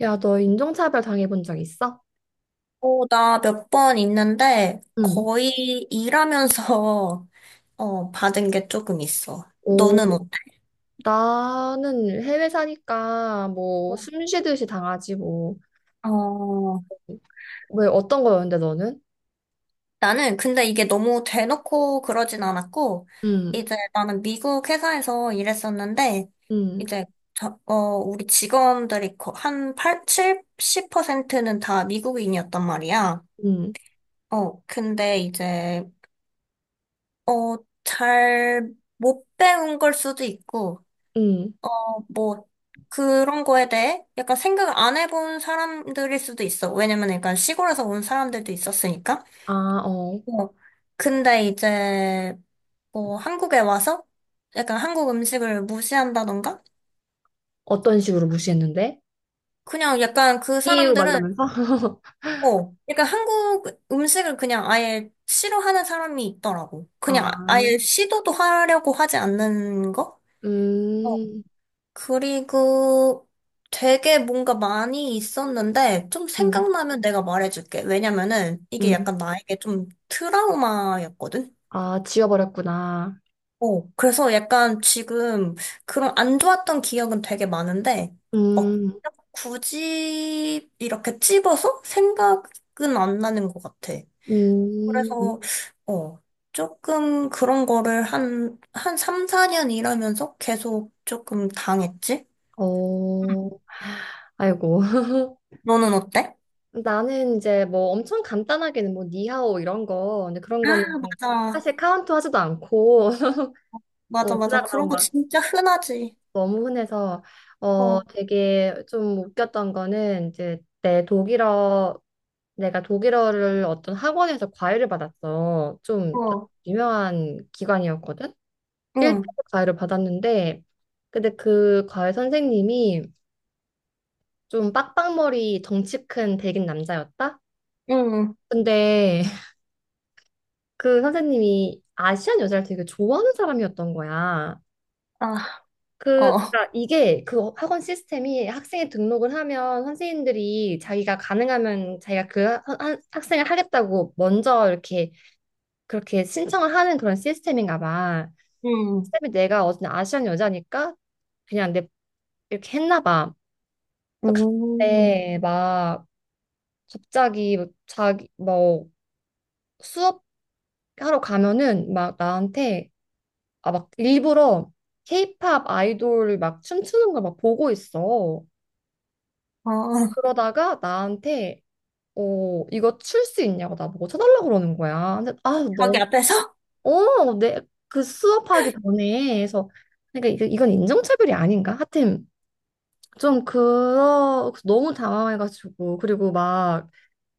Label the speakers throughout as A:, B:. A: 야, 너 인종차별 당해본 적 있어?
B: 나 몇 번 있는데
A: 응.
B: 거의 일하면서 받은 게 조금 있어.
A: 오.
B: 너는 어때?
A: 나는 해외 사니까 뭐
B: 어.
A: 숨 쉬듯이 당하지 뭐.
B: 어,
A: 왜 어떤 거였는데 너는?
B: 나는 근데 이게 너무 대놓고 그러진 않았고,
A: 응,
B: 이제 나는 미국 회사에서 일했었는데,
A: 응,
B: 이제, 우리 직원들이 한 8, 70%는 다 미국인이었단 말이야.
A: 응.
B: 근데 이제, 어, 잘 못 배운 걸 수도 있고,
A: 응.
B: 뭐 그런 거에 대해 약간 생각 안 해본 사람들일 수도 있어. 왜냐면 약간 시골에서 온 사람들도 있었으니까.
A: 아, 어.
B: 뭐 근데 이제 뭐 한국에 와서 약간 한국 음식을 무시한다던가?
A: 어떤 식으로 무시했는데?
B: 그냥 약간 그
A: 이유 막
B: 사람들은
A: 이러면서?
B: 약간 한국 음식을 그냥 아예 싫어하는 사람이 있더라고. 그냥
A: 아,
B: 아예 시도도 하려고 하지 않는 거? 어,
A: 음.
B: 그리고 되게 뭔가 많이 있었는데 좀
A: 응,
B: 생각나면 내가 말해줄게. 왜냐면은 이게
A: 응,
B: 약간 나에게 좀 트라우마였거든?
A: 아, 지워버렸구나.
B: 그래서 약간 지금 그런 안 좋았던 기억은 되게 많은데 막
A: 음.
B: 굳이 이렇게 찝어서 생각은 안 나는 것 같아.
A: 음.
B: 그래서 어, 조금 그런 거를 한 3, 4년 일하면서 계속 조금 당했지?
A: 어. 아이고.
B: 너는 어때?
A: 나는 이제 뭐 엄청 간단하게는 뭐 니하오 이런 거. 근데 그런 거는
B: 아, 맞아.
A: 사실 카운트 하지도 않고.
B: 맞아,
A: 어,
B: 맞아. 그런
A: 그다음
B: 거
A: 막
B: 진짜 흔하지.
A: 너무 흔해서. 어,
B: 어,
A: 되게 좀 웃겼던 거는 이제 내 독일어, 내가 독일어를 어떤 학원에서 과외를 받았어. 좀
B: 어,
A: 유명한 기관이었거든. 1대
B: 응,
A: 과외를 받았는데, 근데 그 과외 선생님이 좀 빡빡머리 덩치 큰 백인 남자였다.
B: 응,
A: 근데 그 선생님이 아시안 여자를 되게 좋아하는 사람이었던 거야.
B: 아,
A: 그,
B: 어,
A: 그러니까 이게 그 학원 시스템이, 학생이 등록을 하면 선생님들이 자기가 가능하면 자기가 그 학생을 하겠다고 먼저 이렇게 그렇게 신청을 하는 그런 시스템인가 봐. 시
B: 응,
A: 이 내가 어쨌 아시안 여자니까 그냥 내 이렇게 했나 봐. 그래서
B: 응.
A: 갔는데 막 갑자기 뭐 자기 뭐 수업 하러 가면은 막 나한테, 아, 막 일부러 케이팝 아이돌 막 춤추는 걸 막 보고 있어.
B: 어,
A: 그러다가 나한테, 어, 이거 출 수 있냐고 나보고 쳐달라고 그러는 거야. 근데 아,
B: 저기
A: 너.
B: 앞에서?
A: 어, 내 그 수업하기 전에 해서 그러니까 이건 인종차별이 아닌가? 하여튼 좀 그러 너무 당황해가지고, 그리고 막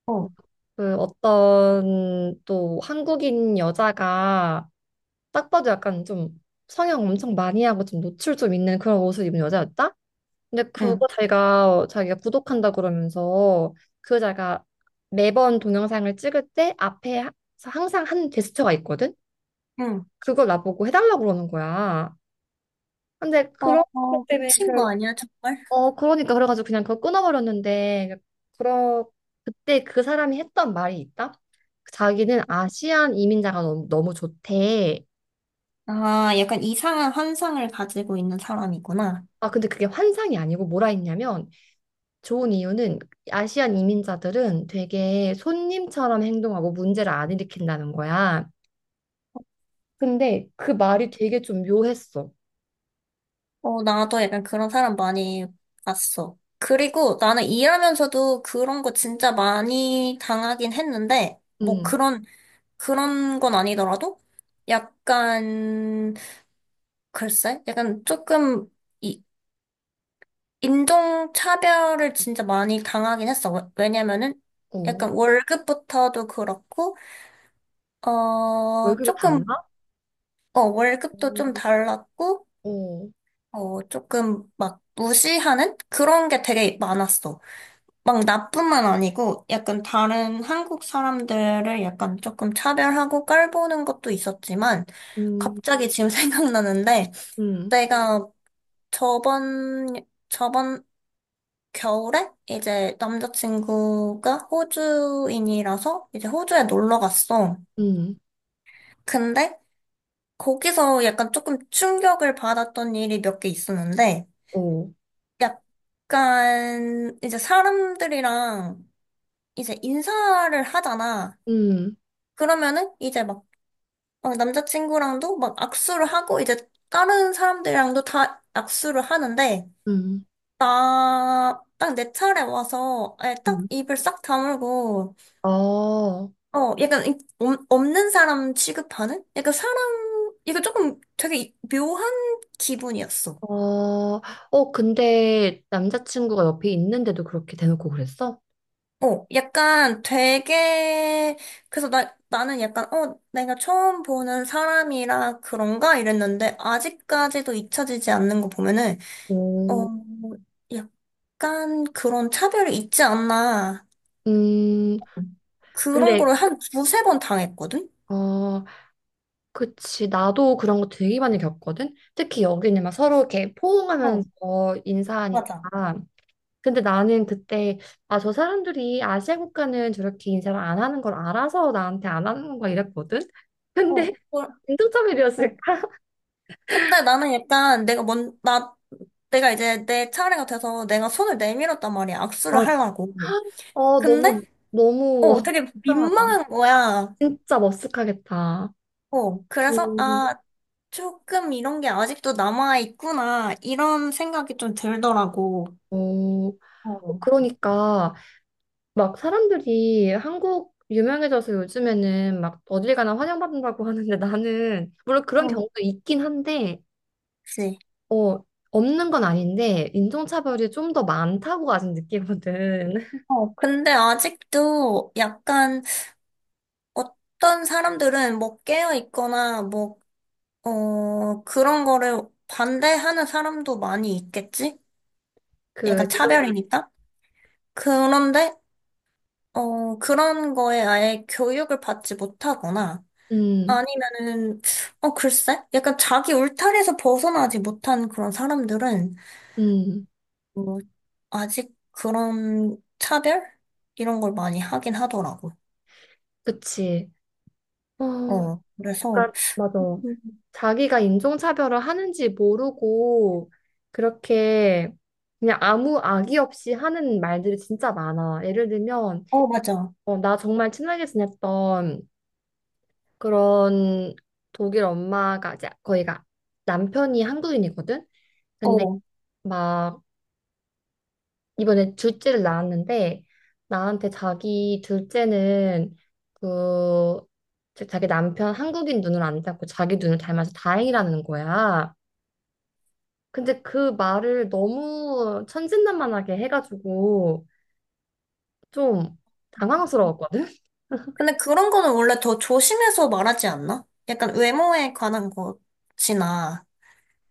B: 어,
A: 그 어떤 또 한국인 여자가 딱 봐도 약간 좀 성형 엄청 많이 하고 좀 노출 좀 있는 그런 옷을 입은 여자였다. 근데
B: 응,
A: 그거 자기가 구독한다 그러면서 그 자기가 매번 동영상을 찍을 때 앞에 항상 한 제스처가 있거든.
B: 응.
A: 그걸 나보고 해달라고 그러는 거야. 근데
B: 어,
A: 그런
B: 어,
A: 것 때문에
B: 미친
A: 그냥,
B: 거 아니야, 정말?
A: 어, 그러니까 그래가지고 그냥 그거 끊어버렸는데, 그러 그때 그 사람이 했던 말이 있다. 자기는 아시안 이민자가 너무, 너무 좋대.
B: 아, 약간 이상한 환상을 가지고 있는 사람이구나.
A: 아 근데 그게 환상이 아니고 뭐라 했냐면, 좋은 이유는 아시안 이민자들은 되게 손님처럼 행동하고 문제를 안 일으킨다는 거야. 근데 그 말이 되게 좀 묘했어.
B: 나도 약간 그런 사람 많이 봤어. 그리고 나는 일하면서도 그런 거 진짜 많이 당하긴 했는데, 뭐
A: 음,
B: 그런 그런 건 아니더라도 약간 글쎄 약간 조금 이 인종차별을 진짜 많이 당하긴 했어. 왜냐면은
A: 어.
B: 약간 월급부터도 그렇고
A: 월급이
B: 조금
A: 달라? 어,
B: 월급도 좀 달랐고
A: 어,
B: 조금 막 무시하는 그런 게 되게 많았어. 막 나뿐만 아니고 약간 다른 한국 사람들을 약간 조금 차별하고 깔보는 것도 있었지만
A: 음,
B: 갑자기 지금 생각나는데
A: 음,
B: 내가 저번, 저번 겨울에 이제 남자친구가 호주인이라서 이제 호주에 놀러 갔어.
A: 음,
B: 근데 거기서 약간 조금 충격을 받았던 일이 몇 개 있었는데
A: 어,
B: 약간 이제 사람들이랑 이제 인사를 하잖아.
A: 음,
B: 그러면은 이제 막 남자친구랑도 막 악수를 하고 이제 다른 사람들이랑도 다 악수를 하는데
A: 음,
B: 나, 딱 내 차례 와서, 예, 딱
A: 음.
B: 입을 싹 다물고,
A: 아, 어,
B: 약간, 없는 사람 취급하는? 약간 사람, 이거 조금 되게 묘한 기분이었어.
A: 어, 근데 남자친구가 옆에 있는데도 그렇게 대놓고 그랬어?
B: 약간 되게, 그래서 나는 약간, 어, 내가 처음 보는 사람이라 그런가? 이랬는데, 아직까지도 잊혀지지 않는 거 보면은, 어,
A: 오,
B: 약간 그런 차별이 있지 않나.
A: 음,
B: 그런
A: 근데,
B: 거를 한 두세 번 당했거든?
A: 어, 그치, 나도 그런 거 되게 많이 겪거든? 특히 여기는 막 서로 이렇게
B: 어.
A: 포옹하면서
B: 맞아.
A: 인사하니까. 근데 나는 그때, 아, 저 사람들이 아시아 국가는 저렇게 인사를 안 하는 걸 알아서 나한테 안 하는 건가 이랬거든?
B: 어,
A: 근데
B: 뭘-
A: 공차점이었
B: 어,
A: 을까
B: 근데 나는 약간 내가 이제 내 차례가 돼서 내가 손을 내밀었단 말이야. 악수를
A: 아,
B: 하려고.
A: 어,
B: 근데,
A: 너무, 너무, 어,
B: 되게
A: 이상하다.
B: 민망한 거야.
A: 진짜 머쓱하겠다.
B: 그래서,
A: 오.
B: 아, 조금 이런 게 아직도 남아있구나. 이런 생각이 좀 들더라고.
A: 오.
B: 어,
A: 그러니까. 막 사람들이 한국 유명해져서 요즘에는 막 어딜 가나 환영받는다고 하는데, 나는 물론 그런
B: 어,
A: 경우도 있긴 한데
B: 그치.
A: 어 없는 건 아닌데 인종차별이 좀 더 많다고 아직 느끼거든.
B: 근데 아직도 약간 어떤 사람들은 뭐 깨어있거나 뭐 그런 거를 반대하는 사람도 많이 있겠지?
A: 그
B: 약간 차별이니까? 그런데, 그런 거에 아예 교육을 받지 못하거나,
A: 음.
B: 아니면은, 어, 글쎄? 약간 자기 울타리에서 벗어나지 못한 그런 사람들은,
A: 음.
B: 뭐, 아직 그런 차별? 이런 걸 많이 하긴 하더라고.
A: 그치. 어,
B: 그래서,
A: 그러니까 맞아. 자기가 인종차별을 하는지 모르고 그렇게 그냥 아무 악의 없이 하는 말들이 진짜 많아. 예를 들면,
B: 어, 맞아.
A: 어, 나 정말 친하게 지냈던 그런 독일 엄마가 이제 거기가 남편이 한국인이거든. 근데
B: 어.
A: 막 이번에 둘째를 낳았는데, 나한테 자기 둘째는 그 자기 남편 한국인 눈을 안 닮고 자기 눈을 닮아서 다행이라는 거야. 근데 그 말을 너무 천진난만하게 해가지고 좀 당황스러웠거든.
B: 근데 그런 거는 원래 더 조심해서 말하지 않나? 약간 외모에 관한 것이나,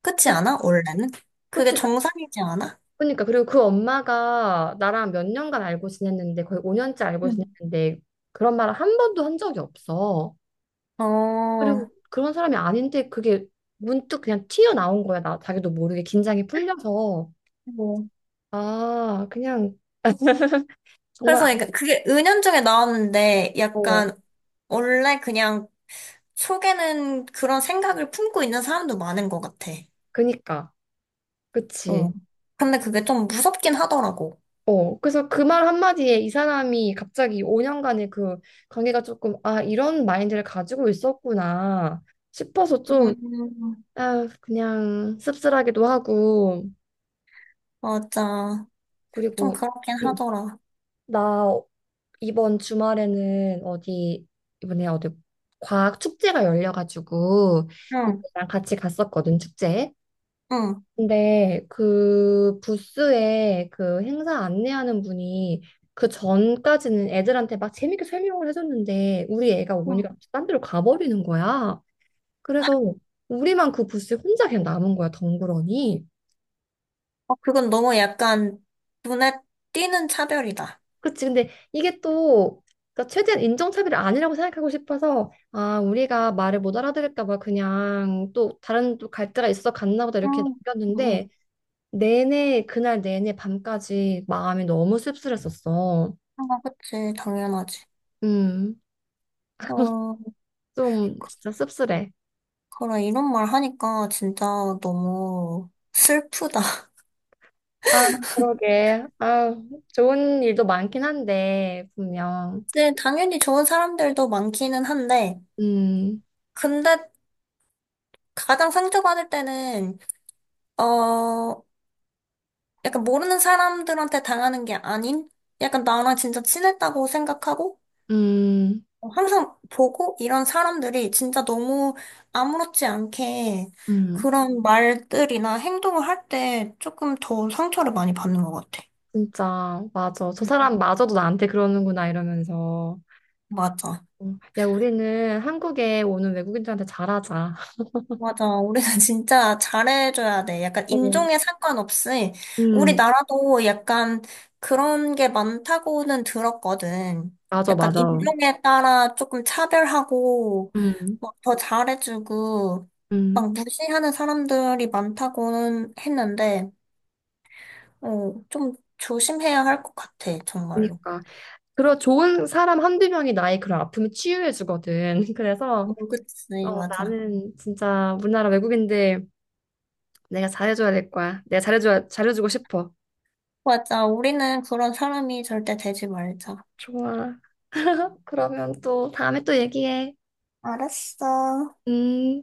B: 그렇지 않아? 원래는? 그게
A: 그치?
B: 정상이지 않아?
A: 그러니까. 그리고 그 엄마가 나랑 몇 년간 알고 지냈는데, 거의 5년째 알고
B: 응.
A: 지냈는데 그런 말을 한 번도 한 적이 없어.
B: 어,
A: 그리고 그런 사람이 아닌데 그게 문득 그냥 튀어나온 거야. 나 자기도 모르게 긴장이 풀려서
B: 뭐,
A: 아 그냥 정말
B: 그래서
A: 안-.
B: 이게 그게 은연중에 나왔는데
A: 어
B: 약간 원래 그냥 속에는 그런 생각을 품고 있는 사람도 많은 것 같아.
A: 그니까
B: 어.
A: 그치.
B: 근데 그게 좀 무섭긴 하더라고.
A: 어, 그래서 그 말 한마디에 이 사람이 갑자기 5년간의 그 관계가 조금, 아, 이런 마인드를 가지고 있었구나 싶어서 좀
B: 음,
A: 아, 그냥 씁쓸하기도 하고.
B: 맞아. 좀
A: 그리고
B: 그렇긴 하더라.
A: 나 이번 주말에는 어디 이번에 어디 과학 축제가 열려가지고
B: 응,
A: 친구랑 같이 갔었거든, 축제에.
B: 응.
A: 근데 그 부스에 그 행사 안내하는 분이 그 전까지는 애들한테 막 재밌게 설명을 해줬는데 우리 애가
B: 어,
A: 오니까 딴 데로 가버리는 거야. 그래서 우리만 그 부스에 혼자 그냥 남은 거야 덩그러니.
B: 그건 너무 약간 눈에 띄는 차별이다.
A: 그치. 근데 이게 또, 그러니까 최대한 인종차별이 아니라고 생각하고 싶어서, 아, 우리가 말을 못 알아들을까 봐 그냥 또 다른 또 갈대가 있어 갔나 보다 이렇게
B: 음, 응, 응.
A: 남겼는데, 내내, 그날 내내 밤까지 마음이 너무 씁쓸했었어.
B: 아, 그치, 당연하지.
A: 음,
B: 어,
A: 좀 진짜 씁쓸해.
B: 그래, 이런 말 하니까 진짜 너무 슬프다.
A: 아, 그러게. 아, 좋은 일도 많긴 한데, 분명.
B: 네, 당연히 좋은 사람들도 많기는 한데,
A: 음,
B: 근데 가장 상처받을 때는, 어, 약간 모르는 사람들한테 당하는 게 아닌, 약간 나랑 진짜 친했다고 생각하고,
A: 음,
B: 항상 보고 이런 사람들이 진짜 너무 아무렇지 않게
A: 음.
B: 그런 말들이나 행동을 할 때 조금 더 상처를 많이 받는 것 같아.
A: 진짜, 맞아. 저 사람 마저도 나한테 그러는구나, 이러면서.
B: 맞아.
A: 어, 야, 우리는 한국에 오는 외국인들한테 잘하자.
B: 맞아. 우리는 진짜 잘해줘야 돼. 약간
A: 어,
B: 인종에 상관없이
A: 음,
B: 우리나라도 약간 그런 게 많다고는 들었거든.
A: 맞아,
B: 약간
A: 맞아.
B: 인종에 따라 조금 차별하고
A: 음,
B: 막 더 잘해주고
A: 음.
B: 막 무시하는 사람들이 많다고는 했는데, 어, 좀 조심해야 할 것 같아, 정말로.
A: 그러니까. 그리고 좋은 사람 한두 명이 나의 그런 아픔을 치유해주거든.
B: 어,
A: 그래서,
B: 그치,
A: 어,
B: 맞아.
A: 나는 진짜 우리나라 외국인들 내가 잘해줘야 될 거야. 내가 잘해줘야, 잘해주고 싶어.
B: 맞아. 우리는 그런 사람이 절대 되지 말자.
A: 좋아. 그러면 또 다음에 또 얘기해.
B: 알았어.
A: 음.